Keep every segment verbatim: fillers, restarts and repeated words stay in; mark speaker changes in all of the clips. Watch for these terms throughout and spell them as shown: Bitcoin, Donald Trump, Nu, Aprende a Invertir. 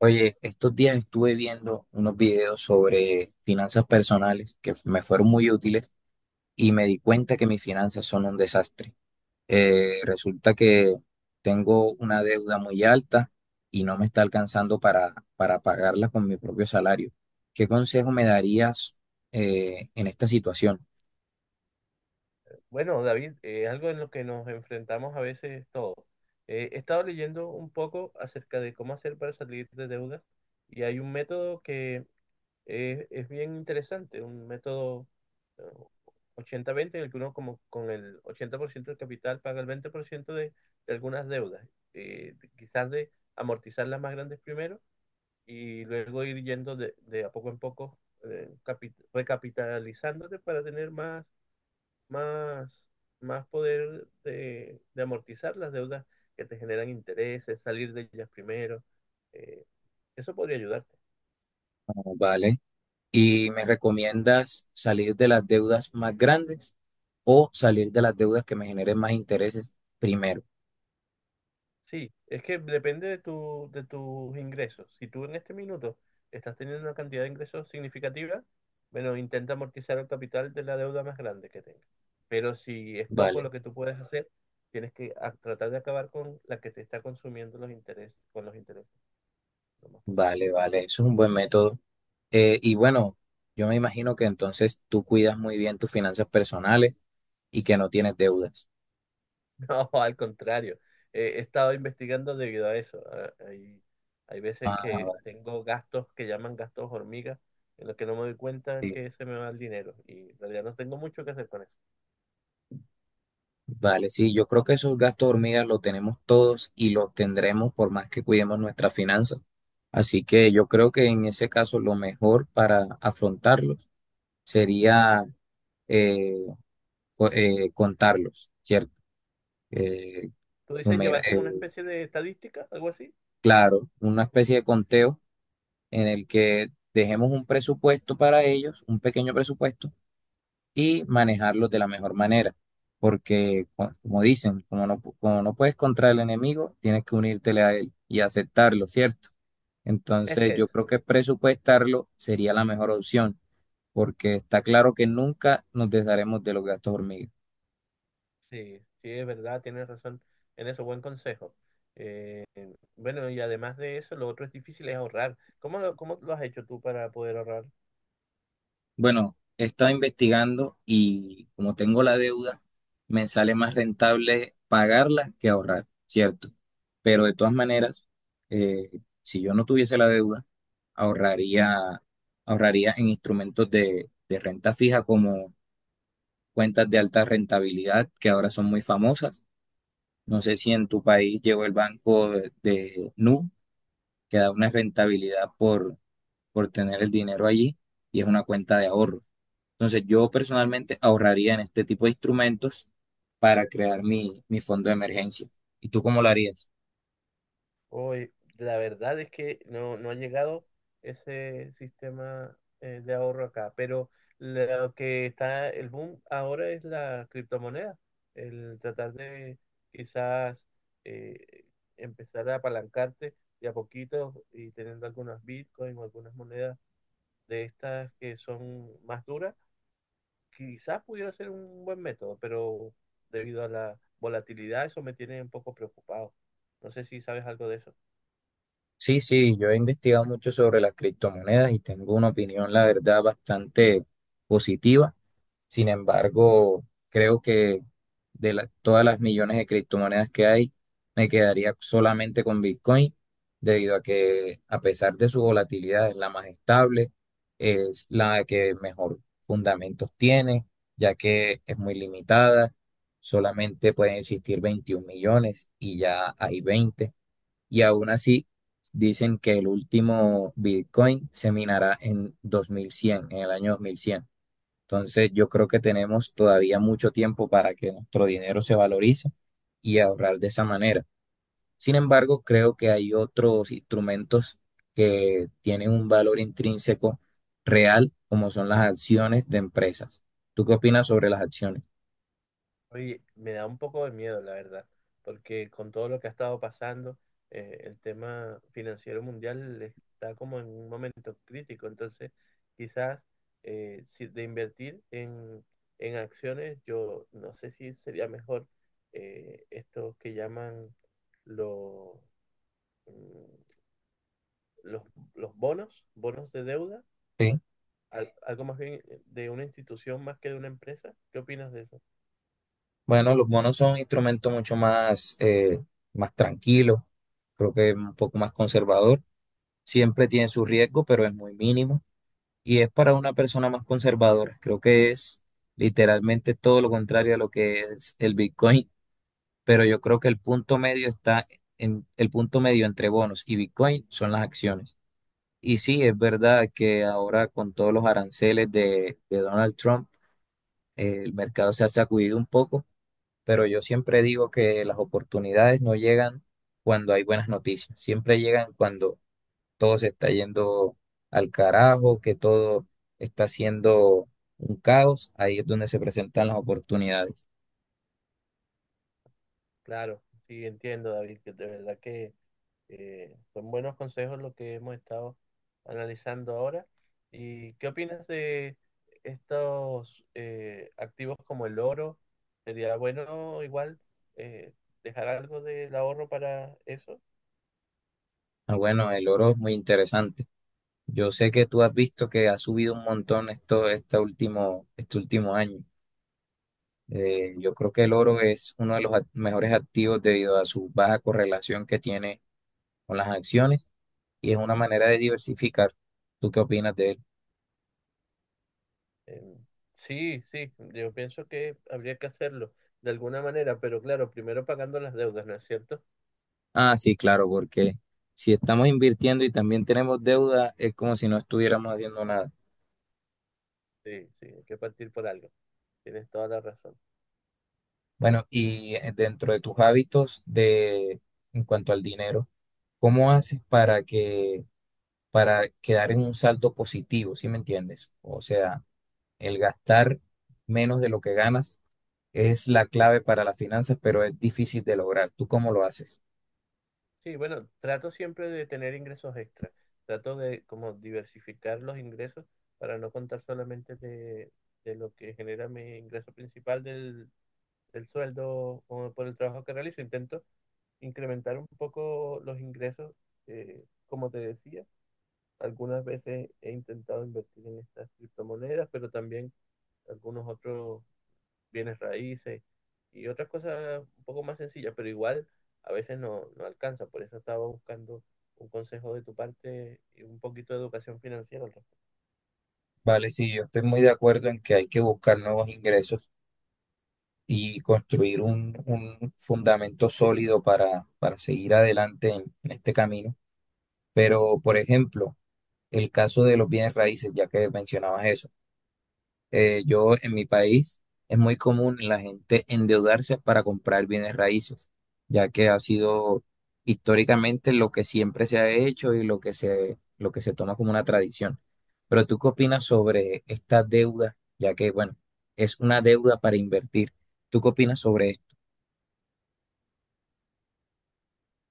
Speaker 1: Oye, estos días estuve viendo unos videos sobre finanzas personales que me fueron muy útiles y me di cuenta que mis finanzas son un desastre. Eh, resulta que tengo una deuda muy alta y no me está alcanzando para, para pagarla con mi propio salario. ¿Qué consejo me darías eh, en esta situación?
Speaker 2: Bueno, David, eh, algo en lo que nos enfrentamos a veces todos. Eh, he estado leyendo un poco acerca de cómo hacer para salir de deudas, y hay un método que es, es bien interesante, un método eh, ochenta a veinte, en el que uno como con el ochenta por ciento del capital paga el veinte por ciento de, de algunas deudas, eh, de- quizás de amortizar las más grandes primero y luego ir yendo de, de a poco en poco, eh, capi- recapitalizándote para tener más, más, más poder de, de amortizar las deudas que te generan intereses, salir de ellas primero. eh, Eso podría ayudarte.
Speaker 1: Oh, ¿vale? ¿Y me recomiendas salir de las deudas más grandes o salir de las deudas que me generen más intereses primero?
Speaker 2: Sí, es que depende de tu, de tus ingresos. Si tú en este minuto estás teniendo una cantidad de ingresos significativa, bueno, intenta amortizar el capital de la deuda más grande que tengas. Pero si es poco
Speaker 1: ¿Vale?
Speaker 2: lo que tú puedes hacer, tienes que a- tratar de acabar con la que te está consumiendo los intereses, con los intereses, lo más posible.
Speaker 1: Vale, vale, eso es un buen método. Eh, y bueno, yo me imagino que entonces tú cuidas muy bien tus finanzas personales y que no tienes deudas.
Speaker 2: No, al contrario. Eh, he estado investigando debido a eso. Ah, Hay, hay veces que
Speaker 1: Ah,
Speaker 2: tengo gastos que llaman gastos hormigas, en los que no me doy cuenta en
Speaker 1: sí.
Speaker 2: que se me va el dinero, y en realidad no tengo mucho que hacer con eso.
Speaker 1: Vale, sí, yo creo que esos gastos hormigas los tenemos todos y los tendremos por más que cuidemos nuestras finanzas. Así que yo creo que en ese caso lo mejor para afrontarlos sería eh, co- eh, contarlos, ¿cierto? Eh,
Speaker 2: ¿Tú dices
Speaker 1: numera-
Speaker 2: llevar
Speaker 1: eh,
Speaker 2: como una especie de estadística, algo así?
Speaker 1: claro, una especie de conteo en el que dejemos un presupuesto para ellos, un pequeño presupuesto, y manejarlos de la mejor manera. Porque, co- como dicen, como no, pu- como no puedes contra el enemigo, tienes que unírtele a él y aceptarlo, ¿cierto? Entonces, yo
Speaker 2: Es,
Speaker 1: creo que presupuestarlo sería la mejor opción, porque está claro que nunca nos desharemos de los gastos hormiga.
Speaker 2: sí, sí, es verdad, tienes razón en eso, buen consejo. Eh, bueno, y además de eso, lo otro es difícil es ahorrar. ¿Cómo lo, cómo lo has hecho tú para poder ahorrar?
Speaker 1: Bueno, he estado investigando y como tengo la deuda, me sale más rentable pagarla que ahorrar, ¿cierto? Pero de todas maneras, eh, si yo no tuviese la deuda, ahorraría, ahorraría en instrumentos de, de renta fija como cuentas de alta rentabilidad, que ahora son muy famosas. No sé si en tu país llegó el banco de, de Nu, que da una rentabilidad por, por tener el dinero allí y es una cuenta de ahorro. Entonces yo personalmente ahorraría en este tipo de instrumentos para crear mi, mi fondo de emergencia. ¿Y tú cómo lo harías?
Speaker 2: Hoy, la verdad es que no, no ha llegado ese sistema eh, de ahorro acá, pero lo que está el boom ahora es la criptomoneda, el tratar de quizás eh, empezar a apalancarte de a poquito y teniendo algunas bitcoins o algunas monedas de estas que son más duras. Quizás pudiera ser un buen método, pero debido a la volatilidad eso me tiene un poco preocupado. No sé si sabes algo de eso.
Speaker 1: Sí, sí, yo he investigado mucho sobre las criptomonedas y tengo una opinión, la verdad, bastante positiva. Sin embargo, creo que de la- todas las millones de criptomonedas que hay, me quedaría solamente con Bitcoin, debido a que a pesar de su volatilidad es la más estable, es la que mejor fundamentos tiene, ya que es muy limitada, solamente pueden existir veintiún millones y ya hay veinte, y aún así dicen que el último Bitcoin se minará en dos mil cien, en el año dos mil cien. Entonces, yo creo que tenemos todavía mucho tiempo para que nuestro dinero se valorice y ahorrar de esa manera. Sin embargo, creo que hay otros instrumentos que tienen un valor intrínseco real, como son las acciones de empresas. ¿Tú qué opinas sobre las acciones?
Speaker 2: Oye, me da un poco de miedo, la verdad, porque con todo lo que ha estado pasando, eh, el tema financiero mundial está como en un momento crítico. Entonces, quizás, eh, si de invertir en, en acciones, yo no sé si sería mejor eh, estos que llaman lo- mm, los, los bonos, bonos de deuda,
Speaker 1: Sí.
Speaker 2: al- algo más bien de una institución más que de una empresa. ¿Qué opinas de eso?
Speaker 1: Bueno, los bonos son instrumentos mucho más, eh, más tranquilos, creo que es un poco más conservador. Siempre tiene su riesgo, pero es muy mínimo. Y es para una persona más conservadora. Creo que es literalmente todo lo contrario a lo que es el Bitcoin, pero yo creo que el punto medio está en el punto medio entre bonos y Bitcoin son las acciones. Y sí, es verdad que ahora con todos los aranceles de, de Donald Trump, eh, el mercado se ha sacudido un poco, pero yo siempre digo que las oportunidades no llegan cuando hay buenas noticias, siempre llegan cuando todo se está yendo al carajo, que todo está siendo un caos, ahí es donde se presentan las oportunidades.
Speaker 2: Claro, sí, entiendo, David, que de verdad que Eh, son buenos consejos los que hemos estado analizando ahora. ¿Y qué opinas de estos eh, activos como el oro? ¿Sería bueno igual eh, dejar algo del ahorro para eso?
Speaker 1: Ah, bueno, el oro es muy interesante. Yo sé que tú has visto que ha subido un montón esto, este último, este último año. Eh, yo creo que el oro es uno de los ac- mejores activos debido a su baja correlación que tiene con las acciones y es una manera de diversificar. ¿Tú qué opinas de él?
Speaker 2: Eh, sí, sí, yo pienso que habría que hacerlo de alguna manera, pero claro, primero pagando las deudas, ¿no es cierto?
Speaker 1: Ah, sí, claro, porque si estamos invirtiendo y también tenemos deuda, es como si no estuviéramos haciendo nada.
Speaker 2: Sí, sí, hay que partir por algo. Tienes toda la razón.
Speaker 1: Bueno, y eh, dentro de tus hábitos de en cuanto al dinero, ¿cómo haces para que para quedar en un saldo positivo, ¿sí me entiendes? O sea, el gastar menos de lo que ganas es la clave para las finanzas, pero es difícil de lograr. ¿Tú cómo lo haces?
Speaker 2: Sí, bueno, trato siempre de tener ingresos extra. Trato de como diversificar los ingresos para no contar solamente de, de lo que genera mi ingreso principal del, del sueldo o por el trabajo que realizo. Intento incrementar un poco los ingresos, eh, como te decía. Algunas veces he intentado invertir en estas criptomonedas, pero también algunos otros bienes raíces y otras cosas un poco más sencillas, pero igual a veces no, no alcanza. Por eso estaba buscando un consejo de tu parte y un poquito de educación financiera al respecto.
Speaker 1: Vale, sí, yo estoy muy de acuerdo en que hay que buscar nuevos ingresos y construir un, un fundamento sólido para, para seguir adelante en, en este camino. Pero, por ejemplo, el caso de los bienes raíces, ya que mencionabas eso, eh, yo en mi país es muy común la gente endeudarse para comprar bienes raíces, ya que ha sido históricamente lo que siempre se ha hecho y lo que se, lo que se toma como una tradición. Pero ¿tú qué opinas sobre esta deuda? Ya que, bueno, es una deuda para invertir. ¿Tú qué opinas sobre esto?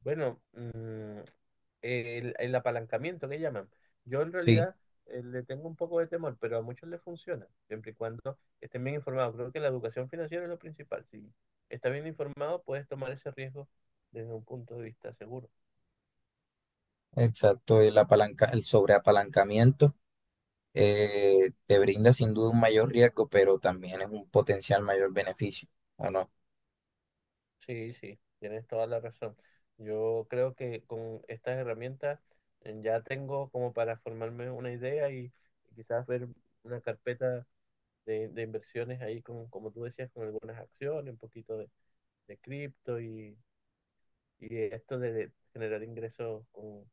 Speaker 2: Bueno, mm, el, el apalancamiento que llaman. Yo en realidad eh, le tengo un poco de temor, pero a muchos les funciona, siempre y cuando estén bien informados. Creo que la educación financiera es lo principal. Si estás bien informado, puedes tomar ese riesgo desde un punto de vista seguro.
Speaker 1: Exacto, el apalanca, el sobreapalancamiento eh, te brinda sin duda un mayor riesgo, pero también es un potencial mayor beneficio, ¿o no?
Speaker 2: Sí, sí, tienes toda la razón. Yo creo que con estas herramientas eh, ya tengo como para formarme una idea, y, y quizás ver una carpeta de, de inversiones ahí, con, como tú decías, con algunas acciones, un poquito de, de cripto, y, y esto de generar ingresos con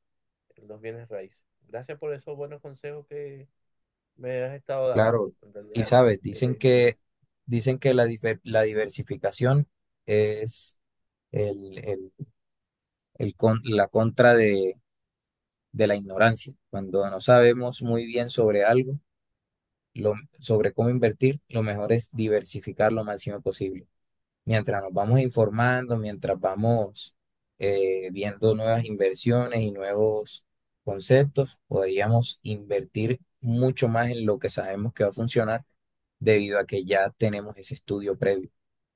Speaker 2: los bienes raíces. Gracias por esos buenos consejos que me has estado dando.
Speaker 1: Claro,
Speaker 2: En
Speaker 1: y
Speaker 2: realidad,
Speaker 1: sabes, dicen
Speaker 2: eh,
Speaker 1: que, dicen que la, dife- la diversificación es el, el- el con- la contra de, de la ignorancia. Cuando no sabemos muy bien sobre algo, lo- sobre cómo invertir, lo mejor es diversificar lo máximo posible. Mientras nos vamos informando, mientras vamos eh, viendo nuevas inversiones y nuevos conceptos, podríamos invertir mucho más en lo que sabemos que va a funcionar debido a que ya tenemos ese estudio previo.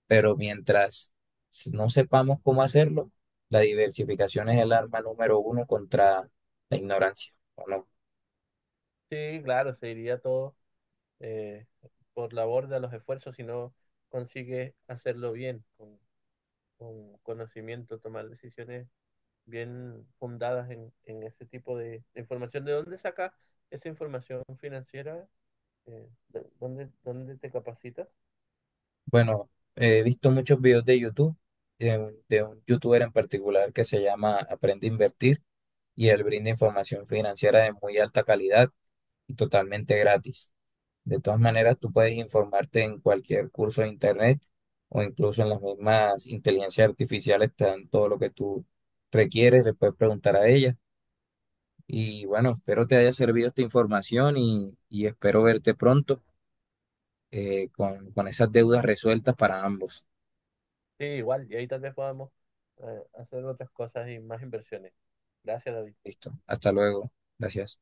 Speaker 1: Pero mientras s- no sepamos cómo hacerlo, la diversificación es el arma número uno contra la ignorancia, ¿o no?
Speaker 2: sí, claro, se iría todo eh, por la borda los esfuerzos si no consigues hacerlo bien, con, con conocimiento, tomar decisiones bien fundadas en, en ese tipo de, de información. ¿De dónde sacas esa información financiera? Eh, ¿de- ¿dónde, dónde te capacitas?
Speaker 1: Bueno, he visto muchos videos de YouTube, de un, de un youtuber en particular que se llama Aprende a Invertir y él brinda información financiera de muy alta calidad y totalmente gratis. De todas maneras, tú puedes informarte en cualquier curso de internet o incluso en las mismas inteligencias artificiales te dan todo lo que tú requieres, le puedes preguntar a ella. Y bueno, espero te haya servido esta información y, y espero verte pronto eh, con, con esas deudas resueltas para ambos.
Speaker 2: Sí, igual, y ahí tal vez podamos eh, hacer otras cosas y más inversiones. Gracias, David.
Speaker 1: Listo, hasta luego. Gracias.